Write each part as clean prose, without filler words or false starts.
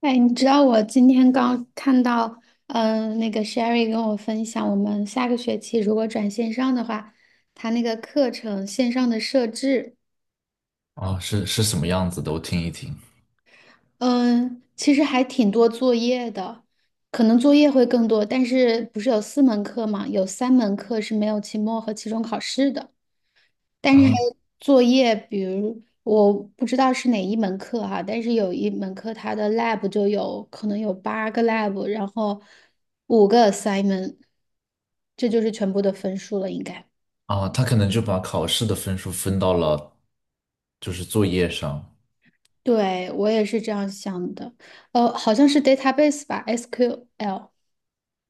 哎，你知道我今天刚看到，那个 Sherry 跟我分享，我们下个学期如果转线上的话，他那个课程线上的设置，哦，是什么样子的？我听一听。嗯、其实还挺多作业的，可能作业会更多，但是不是有四门课嘛？有三门课是没有期末和期中考试的。但是还啊有作业，比如我不知道是哪一门课哈、但是有一门课它的 lab 就有可能有八个 lab，然后五个 assignment，这就是全部的分数了，应该。啊，他可能就把考试的分数分到了就是作业上。对，我也是这样想的，好像是 database 吧，SQL。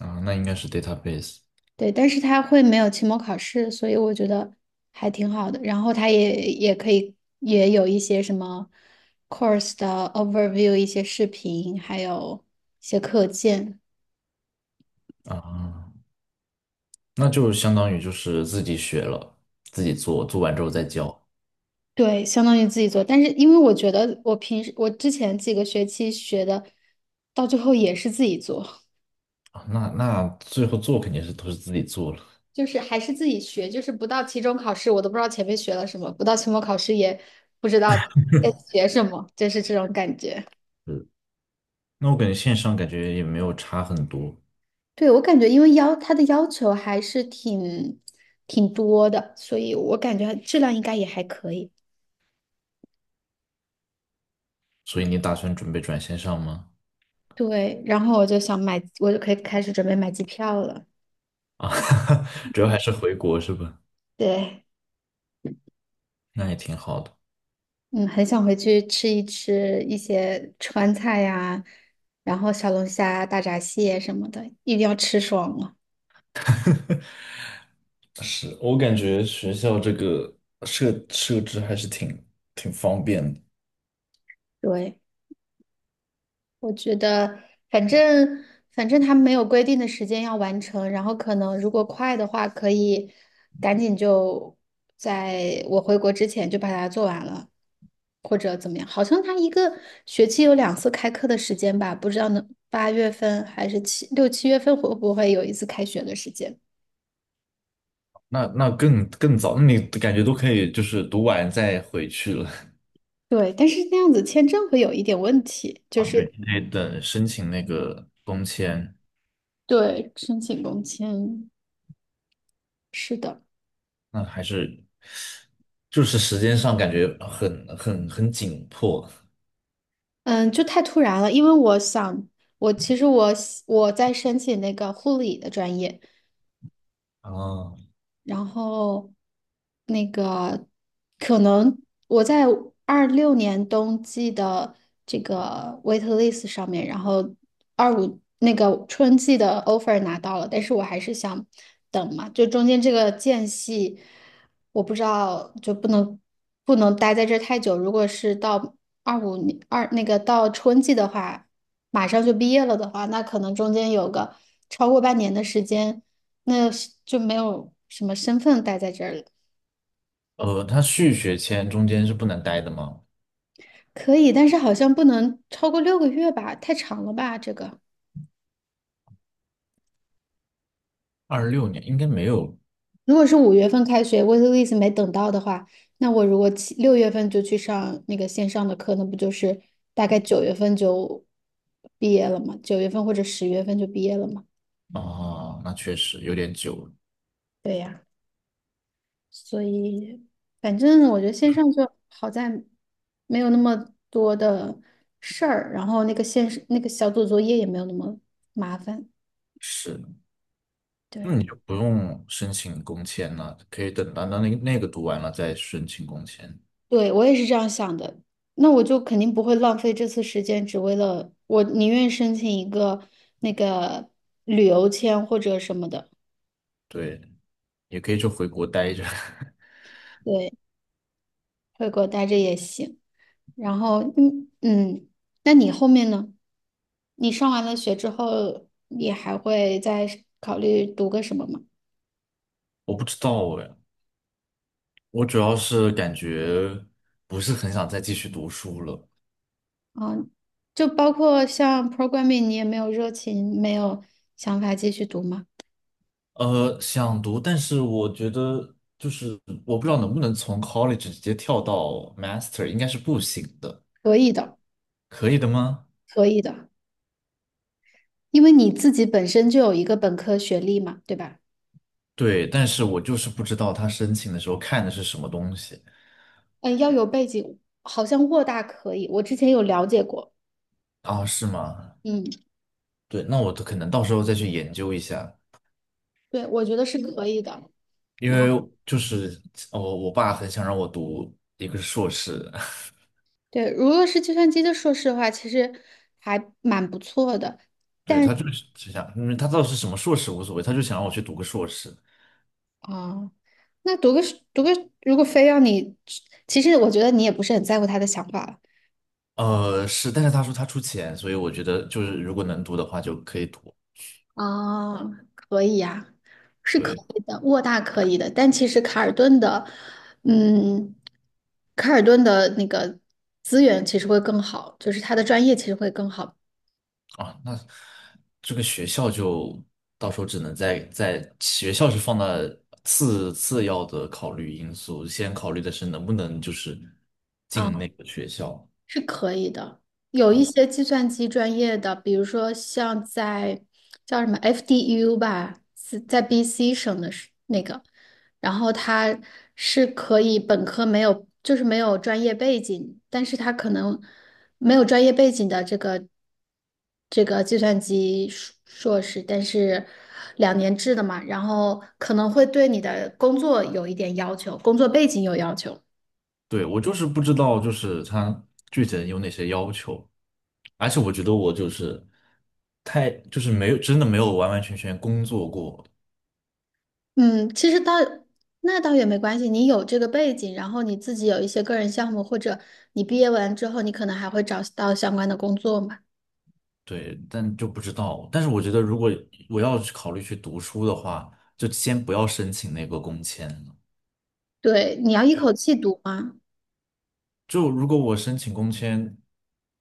啊，那应该是 database。 对，但是他会没有期末考试，所以我觉得还挺好的。然后他也可以也有一些什么 course 的 overview，一些视频，还有一些课件。啊，那就相当于就是自己学了，自己做，做完之后再交。对，相当于自己做。但是因为我觉得我平时我之前几个学期学的，到最后也是自己做，啊。那那最后做肯定是都是自己做了。就是还是自己学，就是不到期中考试我都不知道前面学了什么，不到期末考试也不知道在学什么，就是这种感觉。嗯，那我感觉线上感觉也没有差很多，对，我感觉，因为要它的要求还是挺多的，所以我感觉质量应该也还可以。所以你打算准备转线上吗？对，然后我就想买，我就可以开始准备买机票了。啊，主要还是回国是吧？对，那也挺好的。嗯，很想回去吃一吃一些川菜呀，然后小龙虾、大闸蟹什么的，一定要吃爽了。是我感觉学校这个设置还是挺挺方便的。对，我觉得，反正反正他没有规定的时间要完成，然后可能如果快的话，可以赶紧就在我回国之前就把它做完了，或者怎么样？好像他一个学期有两次开课的时间吧，不知道能八月份还是七六七月份会不会有一次开学的时间？那那更更早，那你感觉都可以，就是读完再回去了。对，但是那样子签证会有一点问题，就啊？对，是你得等申请那个工签，对申请工签，是的。那还是就是时间上感觉很紧迫嗯，就太突然了，因为我想，我其实我喜我在申请那个护理的专业，啊。然后那个可能我在26年冬季的这个 waitlist 上面，然后25那个春季的 offer 拿到了，但是我还是想等嘛，就中间这个间隙，我不知道就不能待在这儿太久。如果是到25年二那个到春季的话，马上就毕业了的话，那可能中间有个超过半年的时间。那是就没有什么身份待在这儿了。呃，他续学签中间是不能待的吗？可以，但是好像不能超过六个月吧，太长了吧？这个，二六年应该没有。如果是五月份开学，waitlist 没等到的话，那我如果七六月份就去上那个线上的课，那不就是大概九月份就毕业了吗？九月份或者十月份就毕业了吗？啊，那确实有点久了。对呀，所以反正我觉得线上就好在没有那么多的事儿，然后那个线那个小组作业也没有那么麻烦。是。那对。你就不用申请工签了，可以等到那那那个读完了再申请工签。对，我也是这样想的。那我就肯定不会浪费这次时间，只为了我宁愿申请一个那个旅游签或者什么的，对，也可以就回国待着。对，回国待着也行。然后，嗯嗯，那你后面呢？你上完了学之后，你还会再考虑读个什么吗？我不知道哎，我主要是感觉不是很想再继续读书了。啊，就包括像 programming，你也没有热情，没有想法继续读吗？呃，想读，但是我觉得就是我不知道能不能从 college 直接跳到 master，应该是不行的，可以的，可以的吗？可以的。因为你自己本身就有一个本科学历嘛，对吧？对，但是我就是不知道他申请的时候看的是什么东西。嗯，要有背景，好像沃大可以，我之前有了解过。啊？是吗？嗯，对，那我可能到时候再去研究一下。对，我觉得是可以的。因然为后，就是我爸很想让我读一个硕士。对，如果是计算机的硕士的话，其实还蛮不错的。对，但他就是只想，因为他到底是什么硕士无所谓，他就想让我去读个硕士。啊、那读个，如果非要你，其实我觉得你也不是很在乎他的想法呃，是，但是他说他出钱，所以我觉得就是如果能读的话就可以读。哦，可以呀，是可对。以的，沃大可以的，但其实卡尔顿的，嗯，卡尔顿的那个资源其实会更好，就是他的专业其实会更好。啊，那这个学校就到时候只能在在学校是放在次要的考虑因素，先考虑的是能不能就是进啊。那个学校。是可以的。有一哦。些计算机专业的，比如说像在叫什么 FDU 吧，是在 BC 省的是那个，然后他是可以本科没有，就是没有专业背景，但是他可能没有专业背景的这个这个计算机硕士，但是两年制的嘛，然后可能会对你的工作有一点要求，工作背景有要求。对，我就是不知道，就是他具体有哪些要求，而且我觉得我就是太就是没有真的没有完完全全工作过。嗯，其实倒那倒也没关系，你有这个背景，然后你自己有一些个人项目，或者你毕业完之后，你可能还会找到相关的工作嘛。对，但就不知道。但是我觉得如果我要去考虑去读书的话，就先不要申请那个工签了。对，你要一口气读吗？就如果我申请工签，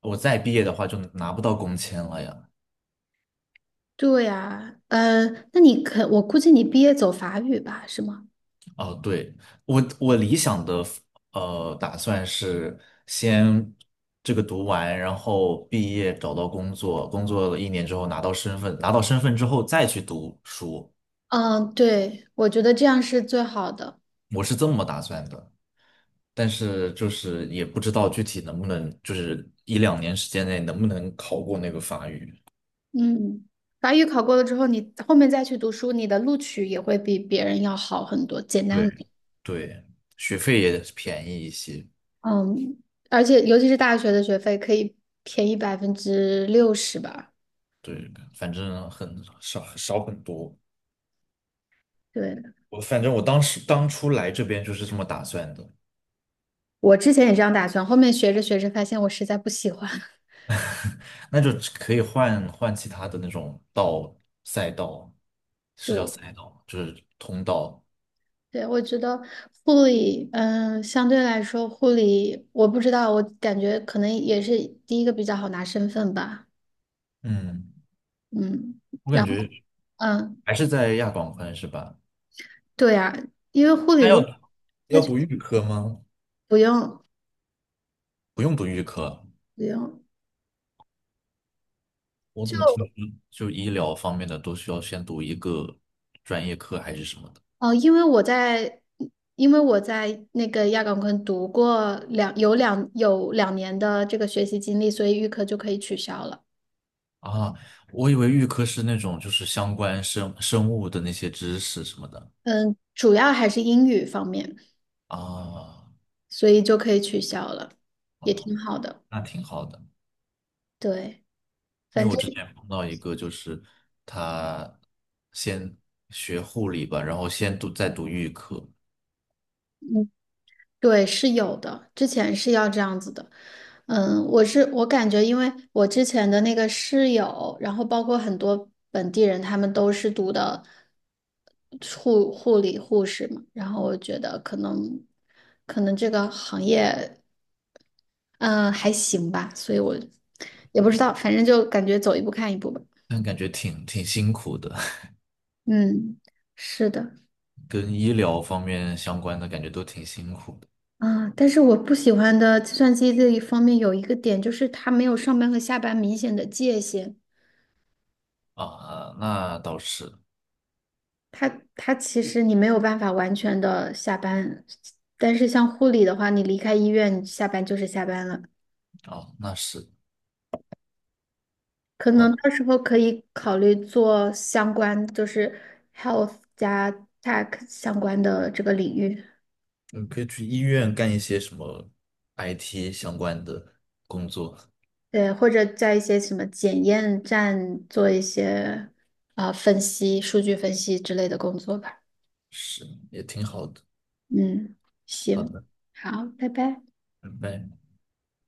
我再毕业的话就拿不到工签了呀。对呀，那你可，我估计你毕业走法语吧，是吗？哦，对，我我理想的呃打算是先这个读完，然后毕业找到工作，工作了一年之后拿到身份，拿到身份之后再去读书，嗯，对，我觉得这样是最好的。我是这么打算的。但是就是也不知道具体能不能，就是一两年时间内能不能考过那个法语。嗯，法语考过了之后，你后面再去读书，你的录取也会比别人要好很多，简对。单。对，学费也便宜一些。嗯，而且尤其是大学的学费可以便宜60%吧。对，反正很少，少很多。对，我反正我当时当初来这边就是这么打算的。我之前也这样打算，后面学着学着发现我实在不喜欢。那就只可以换换其他的那种赛道，是叫对，赛道吗，就是通道。对，我觉得护理，相对来说护理，我不知道，我感觉可能也是第一个比较好拿身份吧。嗯，嗯，我感然后觉嗯，还是在亚广宽是吧？对呀、因为护理那要如果他要去读预科吗？不用不用读预科，不用。我怎么听就。嗯就医疗方面的都需要先读一个专业课还是什么的。哦，因为我在，因为我在那个亚岗昆读过两年的这个学习经历，所以预科就可以取消了。啊？我以为预科是那种就是相关生物的那些知识什么的。嗯，主要还是英语方面，啊，所以就可以取消了，也挺哦，好的。那挺好的。对，因反为我正。之前碰到一个，就是他先学护理吧，然后先读再读预科，对，是有的，之前是要这样子的。嗯，我是我感觉，因为我之前的那个室友，然后包括很多本地人，他们都是读的护理护士嘛，然后我觉得可能这个行业，嗯，还行吧，所以我也不知道，反正就感觉走一步看一步吧。但感觉挺挺辛苦的。嗯，是的，跟医疗方面相关的感觉都挺辛苦的。啊，但是我不喜欢的计算机这一方面有一个点，就是它没有上班和下班明显的界限。啊。那倒是。它它其实你没有办法完全的下班，但是像护理的话，你离开医院，你下班就是下班了。哦，那是。可好，能到时候可以考虑做相关，就是 health 加 tech 相关的这个领域，你可以去医院干一些什么 IT 相关的工作，对，或者在一些什么检验站做一些分析、数据分析之类的工作吧。是也挺好的。嗯，好行，的，好，拜拜。拜拜。